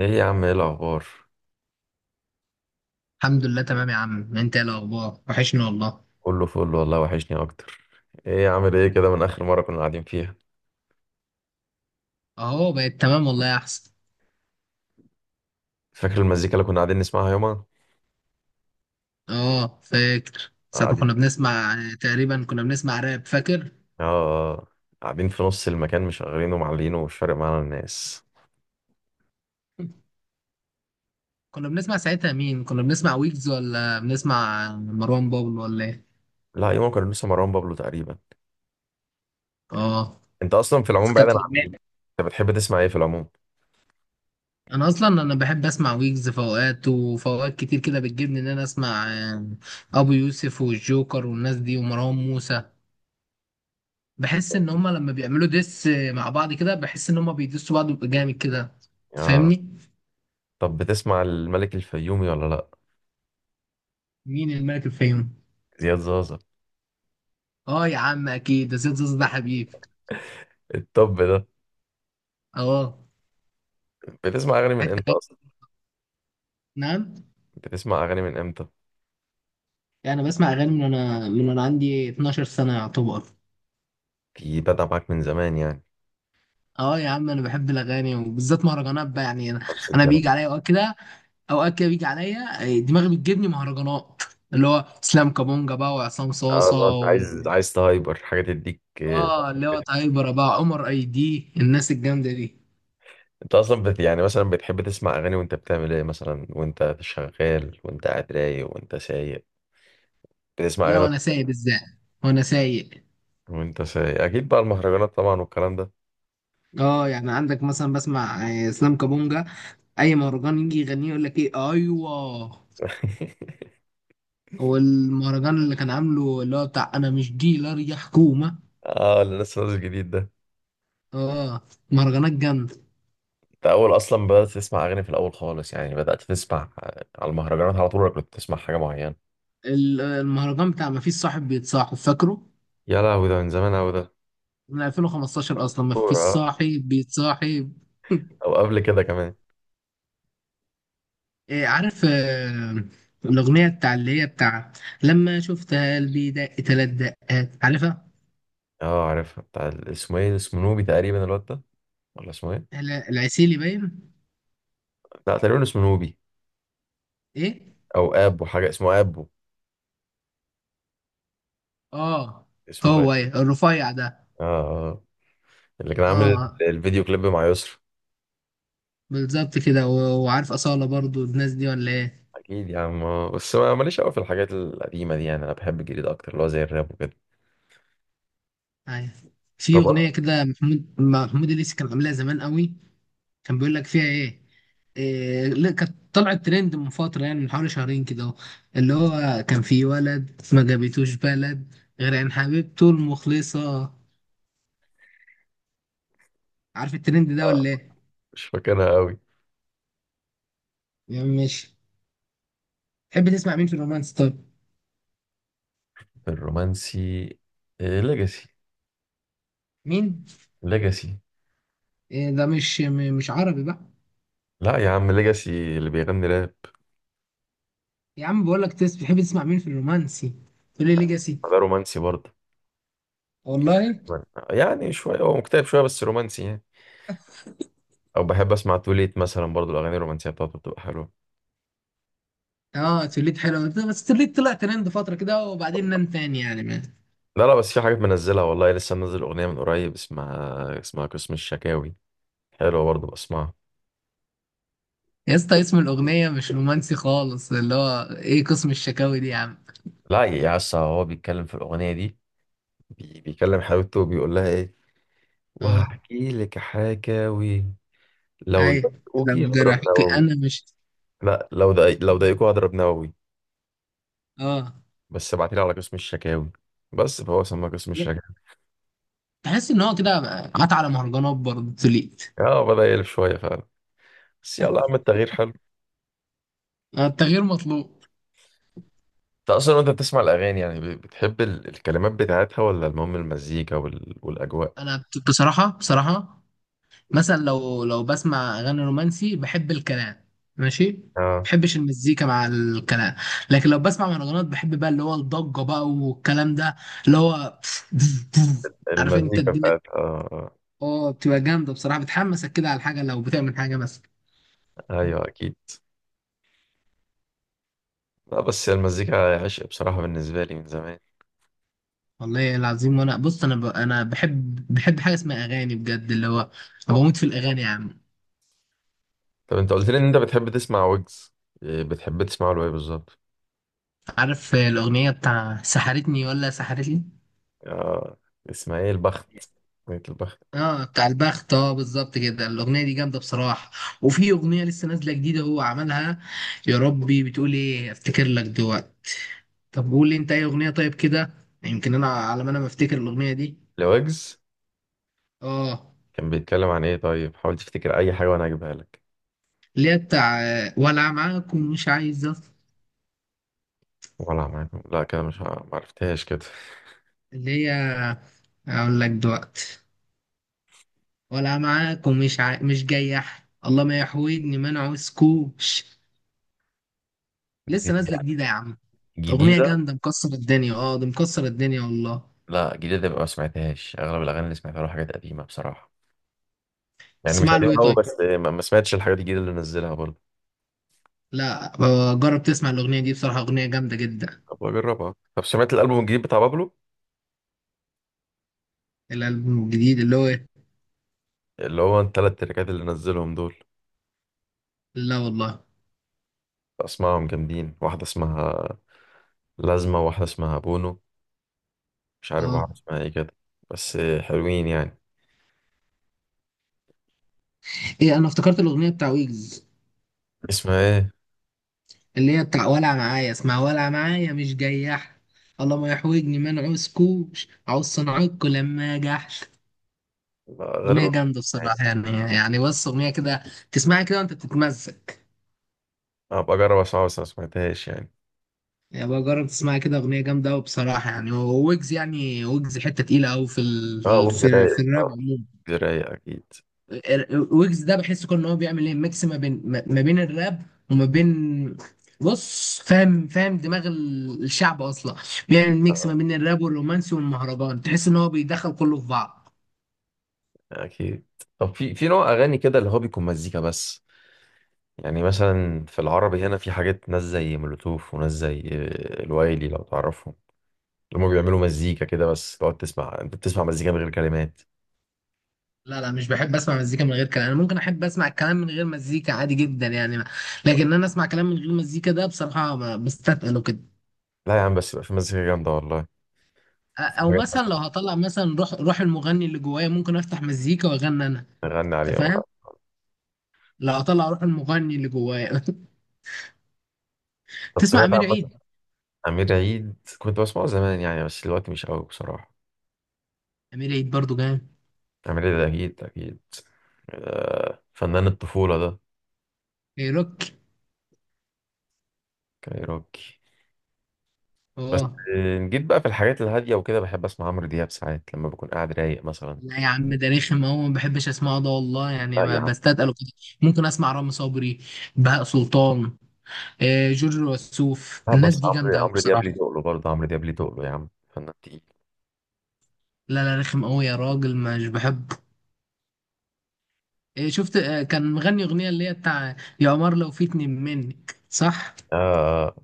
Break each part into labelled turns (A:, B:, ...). A: ايه يا عم، ايه الاخبار؟
B: الحمد لله تمام يا عم، انت ايه الاخبار؟ وحشني والله.
A: كله فل والله، وحشني اكتر. ايه عامل ايه كده من اخر مره كنا قاعدين فيها؟
B: اهو بقت تمام والله يا احسن.
A: فاكر المزيكا اللي كنا قاعدين نسمعها يومها؟
B: اه فاكر ساعة ما كنا
A: قاعدين.
B: بنسمع. تقريبا كنا بنسمع راب فاكر.
A: اه، آه. قاعدين في نص المكان مشغلينه ومعلينه ومش فارق معانا الناس.
B: كنا بنسمع ساعتها مين؟ كنا بنسمع ويجز ولا بنسمع مروان بابلو ولا ايه؟
A: لا، يومها كنا لسه مروان بابلو تقريبا.
B: اه.
A: انت اصلا في
B: بس
A: العموم بعيدا
B: كانت
A: عن دي،
B: الأغنية-.
A: انت بتحب تسمع ايه في العموم؟
B: انا اصلا، انا بحب اسمع ويجز في اوقات، وفي اوقات كتير كده بتجيبني ان انا اسمع ابو يوسف والجوكر والناس دي ومروان موسى. بحس ان هما لما بيعملوا ديس مع بعض كده بحس ان هما بيدسوا بعض ويبقى جامد كده.
A: اه.
B: تفهمني؟
A: طب بتسمع الملك الفيومي ولا لا؟
B: مين الملك الفيوم؟
A: زياد زازا.
B: اه يا عم اكيد، ده سيد زوز ده حبيب.
A: إيه الطب ده؟
B: اه.
A: بتسمع اغاني من
B: حته
A: امتى اصلا؟
B: جامدة. نعم؟
A: بتسمع اغاني من امتى؟
B: يعني بسمع اغاني من انا عندي 12 سنه يعتبر.
A: في بدأ معاك من زمان يعني.
B: اه يا عم، انا بحب الاغاني وبالذات مهرجانات بقى. يعني انا،
A: نفس
B: أنا
A: الكلام.
B: بيجي عليا اوقات كده. اوقات كده بيجي عليا دماغي بتجيبني مهرجانات، اللي هو اسلام كابونجا بقى، وعصام
A: اه،
B: صاصه
A: لو انت
B: و...
A: عايز تهايبر حاجه تديك
B: اه اللي هو تايبر بقى عمر اي دي الناس الجامده دي.
A: انت اصلا بت يعني مثلا بتحب تسمع اغاني وانت بتعمل ايه مثلا، وانت شغال، وانت قاعد رايق، وانت سايق؟ بتسمع اغاني
B: لا،
A: وانت؟
B: وانا سايق بالذات. وانا سايق.
A: وأنت سايق اكيد بقى المهرجانات طبعا والكلام ده.
B: اه يعني عندك مثلا بسمع اسلام كابونجا. اي مهرجان يجي يغنيه يقول لك ايه، ايوه. هو المهرجان اللي كان عامله اللي هو بتاع انا مش ديلر يا حكومه.
A: اه، اللي لسه نازل جديد ده.
B: اه. مهرجانات جامده.
A: انت اول اصلا بدات تسمع اغاني في الاول خالص يعني، بدات تسمع على المهرجانات على طول، ولا كنت تسمع حاجه معينه؟
B: المهرجان بتاع ما فيش صاحب بيتصاحب، فاكره؟
A: يا لهوي، ده من زمان اوي ده.
B: من 2015 اصلا ما فيش
A: كورة آه.
B: صاحب بيتصاحب.
A: او قبل كده كمان.
B: إيه، عارف الاغنيه بتاع، اللي هي بتاع لما شفتها قلبي دق تلات دقات، عارفها؟
A: اه، عارفها، بتاع اسمه ايه، اسمه نوبي تقريبا الواد ده، ولا اسمه ايه؟
B: العسيلي باين.
A: لا، تقريبا اسمه نوبي.
B: ايه.
A: او ابو حاجه، اسمه ابو.
B: اه.
A: اسمه غير.
B: هو ايه الرفيع ده؟
A: اه، آه. آه. اللي كان عامل
B: اه
A: الفيديو كليب مع يسرا.
B: بالظبط كده. وعارف أصالة برضو الناس دي ولا ايه؟
A: اكيد يا عم، آه. بس ما ماليش قوي في الحاجات القديمه دي، يعني انا بحب الجديد اكتر، اللي هو زي الراب وكده.
B: ايوه. في
A: طب أنا-
B: أغنية كده محمود الليثي كان عاملها زمان قوي. كان بيقول لك فيها ايه؟ إيه، لا كانت طلعت ترند من فترة، يعني من حوالي شهرين كده اهو. اللي هو كان في ولد ما جابتوش بلد غير عن حبيبته المخلصة. عارف الترند ده
A: آه.
B: ولا ايه؟
A: مش فاكرها قوي.
B: يعني مش، تحب تسمع مين في الرومانس طب؟
A: الرومانسي. ليجاسي.
B: مين؟
A: ليجاسي.
B: إيه ده؟ مش عربي بقى؟
A: لا يا عم، ليجاسي اللي بيغني راب.
B: يا عم بقول لك تس، بتحب تسمع مين في الرومانسي؟ تقول لي ليجاسي!
A: ده رومانسي برضه.
B: والله.
A: يعني يعني شويه هو مكتئب شويه، بس رومانسي يعني. او بحب اسمع توليت مثلا برضه، الاغاني الرومانسيه بتاعته بتبقى حلوه.
B: اه توليت حلو، بس توليت طلع ترند فتره كده وبعدين نام تاني يعني ما.
A: لا لا، بس في حاجات منزلها والله، لسه منزل أغنية من قريب اسمها قسم الشكاوي. حلوة برضه بسمعها.
B: يا اسطى اسم الاغنيه مش رومانسي خالص، اللي هو ايه قسم الشكاوي دي يا عم؟
A: لا يا اسطى، هو بيتكلم في الأغنية دي. بيكلم حبيبته وبيقول لها إيه؟
B: اه.
A: وهحكي لك حكاوي، لو
B: ايوه،
A: ضايقوكي
B: لو
A: هضرب
B: جرحك
A: نووي.
B: انا مش.
A: لا، لو ضايقوكوا هضرب نووي،
B: اه.
A: بس ابعتيلي على قسم الشكاوي. بس فهو سماه قسم الشكاوي.
B: تحس ان هو كده قطع على مهرجانات برضه توليت.
A: اه، بدأ يقلب شوية فعلا، بس يلا يا عم، التغيير حلو.
B: التغيير مطلوب.
A: انت اصلا وانت بتسمع الاغاني يعني، بتحب الكلمات بتاعتها، ولا المهم المزيكا والاجواء؟
B: انا بصراحه، بصراحه مثلا لو بسمع اغاني رومانسي بحب الكلام. ماشي.
A: اه،
B: بحبش المزيكا مع الكلام. لكن لو بسمع مهرجانات بحب بقى اللي هو الضجه بقى والكلام ده. اللي هو عارف انت
A: المزيكا
B: الدنيا.
A: بتاعت اه
B: اه بتبقى جامده بصراحه، بتحمسك كده على الحاجه لو بتعمل حاجه مثلا.
A: ايوه اكيد. لا، بس هي المزيكا عشق بصراحه بالنسبه لي من زمان.
B: والله العظيم. وانا بص، انا انا بحب حاجه اسمها اغاني بجد، اللي هو أنا بموت في الاغاني يا عم.
A: طب انت قلت لي ان انت بتحب تسمع ويجز، إيه بتحب تسمعه له ايه بالظبط؟
B: عارف الاغنيه بتاع سحرتني ولا سحرتني؟
A: آه، اسمها ايه؟ البخت. اغنيه البخت.
B: اه بتاع البخت. اه بالظبط كده، الاغنيه دي جامده بصراحه. وفي اغنيه لسه نازله جديده هو عملها. يا ربي بتقول ايه، افتكر لك دلوقتي. طب قول لي انت اي اغنيه طيب كده، يمكن انا على ما انا ما افتكر الاغنيه دي.
A: لويجز،
B: اه.
A: كان بيتكلم عن ايه طيب؟ حاول تفتكر اي حاجه وانا اجيبها لك.
B: اللي هي بتاع ولا معاكم مش عايزه.
A: ولا معاكم؟ لا كده مش معرفتهاش كده.
B: اللي هي، اقول لك دلوقتي. ولا معاكم مش جاي احد، الله ما يحوجني، ما انا عاوزكوش.
A: دي
B: لسه نازله جديده يا عم، اغنيه
A: جديده؟
B: جامده مكسره الدنيا. اه ده مكسره الدنيا والله.
A: لا، جديده يبقى ما سمعتهاش. اغلب الاغاني اللي سمعتها له حاجات قديمه بصراحه، يعني مش
B: تسمع له
A: قديمه
B: ايه
A: قوي،
B: طيب؟
A: بس ما سمعتش الحاجات الجديده اللي نزلها برضه.
B: لا، جرب تسمع الأغنية دي، بصراحة أغنية جامدة جدا.
A: طب اجربها. طب سمعت الالبوم الجديد بتاع بابلو؟
B: الألبوم الجديد اللي هو إيه؟
A: اللي هو التلات تراكات اللي نزلهم دول.
B: لا والله.
A: اسمائهم جامدين، واحدة اسمها لازمة، واحدة اسمها بونو، مش عارف واحدة
B: اه،
A: اسمها ايه كده، بس حلوين يعني.
B: ايه، انا افتكرت الأغنية بتاع ويجز،
A: اسمها ايه؟
B: اللي هي بتاع ولع معايا. اسمع، ولع معايا مش جياح، الله ما يحوجني ما نعوزكوش، عاوز صنعكوا لما جحش.
A: لا،
B: أغنية
A: غالبا.
B: جامدة بصراحة يعني. يعني بص، أغنية كده تسمعها كده وأنت بتتمزج.
A: ابقى اجرب اسمعها، بس ما سمعتهاش يعني.
B: يعني بقى جرب تسمعها كده، أغنية جامدة أوي بصراحة. يعني ويجز، يعني ويجز حتة تقيلة أوي في
A: اه، وجز رايق،
B: في الراب عموما.
A: وجز رايق اكيد.
B: ويجز ده بحس كل ان هو بيعمل ايه، ميكس ما بين ما بين الراب وما بين، بص فاهم، فاهم دماغ الشعب اصلا. بيعمل ميكس ما بين الراب والرومانسي والمهرجان، تحس ان هو بيدخل كله في بعض.
A: اكيد طب في نوع اغاني كده اللي هو بيكون مزيكا بس؟ يعني مثلا في العربي هنا في حاجات، ناس زي مولوتوف وناس زي الوايلي لو تعرفهم، اللي هم بيعملوا مزيكا كده، بس تقعد تسمع، انت بتسمع مزيكا من غير كلمات؟
B: لا لا، مش بحب اسمع مزيكا من غير كلام. انا ممكن احب اسمع الكلام من غير مزيكا عادي جدا يعني. لكن انا اسمع كلام من غير مزيكا ده بصراحة بستثقله كده.
A: لا يا عم، بس يبقى في مزيكا جامدة والله. وفي
B: او
A: حاجات
B: مثلا لو
A: مثلا
B: هطلع مثلا روح المغني اللي جوايا، ممكن افتح مزيكا واغني انا.
A: نغني
B: انت
A: عليها.
B: فاهم؟ لو هطلع روح المغني اللي جوايا
A: طب
B: تسمع
A: سمعت عن
B: امير
A: مثلا
B: عيد؟
A: أمير عيد؟ كنت بسمعه زمان يعني، بس دلوقتي مش قوي بصراحة.
B: امير عيد برضو جامد.
A: أمير عيد أكيد أكيد. فنان الطفولة ده.
B: كايروك.
A: كايروكي. بس
B: اه.
A: جيت بقى في الحاجات الهادية وكده، بحب أسمع عمرو دياب ساعات لما بكون قاعد رايق مثلا.
B: لا يا عم ده رخم، اهو ما بحبش اسمعه ده والله، يعني
A: لا يا
B: ما
A: عم،
B: بستثقله كده. ممكن اسمع رامي صبري، بهاء سلطان، جورج وسوف،
A: لا،
B: الناس
A: بس
B: دي جامده
A: عمرو
B: قوي
A: عمرو دياب
B: بصراحه.
A: ليه تقله برضه؟ عمرو دياب ليه تقله يا عم؟ فنان تقيل.
B: لا لا، رخم قوي يا راجل، مش بحبه. شفت كان مغني اغنيه اللي هي بتاع يا قمر لو في اتنين منك، صح؟
A: آه،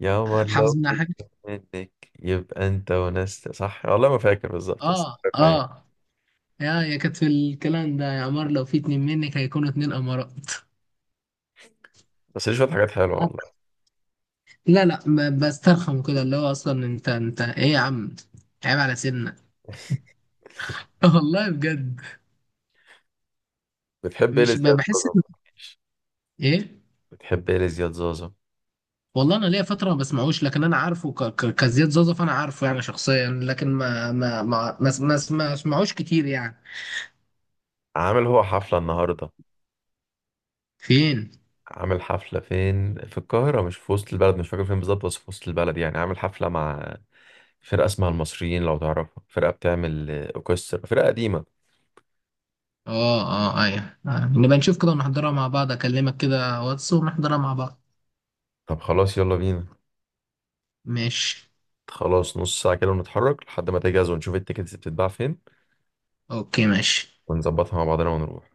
A: يا عمر لو
B: حافظ منها حاجه؟
A: كده منك، يبقى أنت وناس صح، والله ما فاكر بالظبط بس.
B: اه اه. يا كانت في الكلام ده: يا قمر لو في اتنين منك هيكونوا اتنين قمرات.
A: بس ليه شوية حاجات حلوة والله.
B: لا لا، بسترخم كده. اللي هو اصلا انت ايه يا عم، عيب على سنك والله بجد.
A: بتحب ايه
B: مش
A: لزياد
B: بحس
A: زوزو؟
B: ان. ايه؟
A: بتحب ايه لزياد زوزو؟
B: والله انا ليا فتره ما بسمعوش، لكن انا عارفه كزياد زازا، فانا عارفه يعني شخصيا. لكن ما اسمعوش كتير يعني.
A: عامل هو حفلة النهاردة.
B: فين؟
A: عامل حفلة فين؟ في القاهرة، مش في وسط البلد، مش فاكر فين بالظبط، بس في وسط البلد يعني. عامل حفلة مع فرقة اسمها المصريين لو تعرفها، فرقة بتعمل أوركسترا، فرقة قديمة.
B: اه اه ايوه نبقى نشوف كده ونحضرها مع بعض، اكلمك كده واتس ونحضرها مع بعض.
A: طب خلاص، يلا بينا.
B: ماشي.
A: خلاص، نص ساعة كده ونتحرك لحد ما تجهز، ونشوف التيكتس بتتباع فين،
B: اوكي ماشي.
A: ونظبطها مع بعضنا ونروح.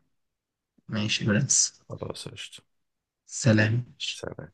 B: ماشي يا برنس.
A: خلاص قشطة.
B: سلام.
A: سلام.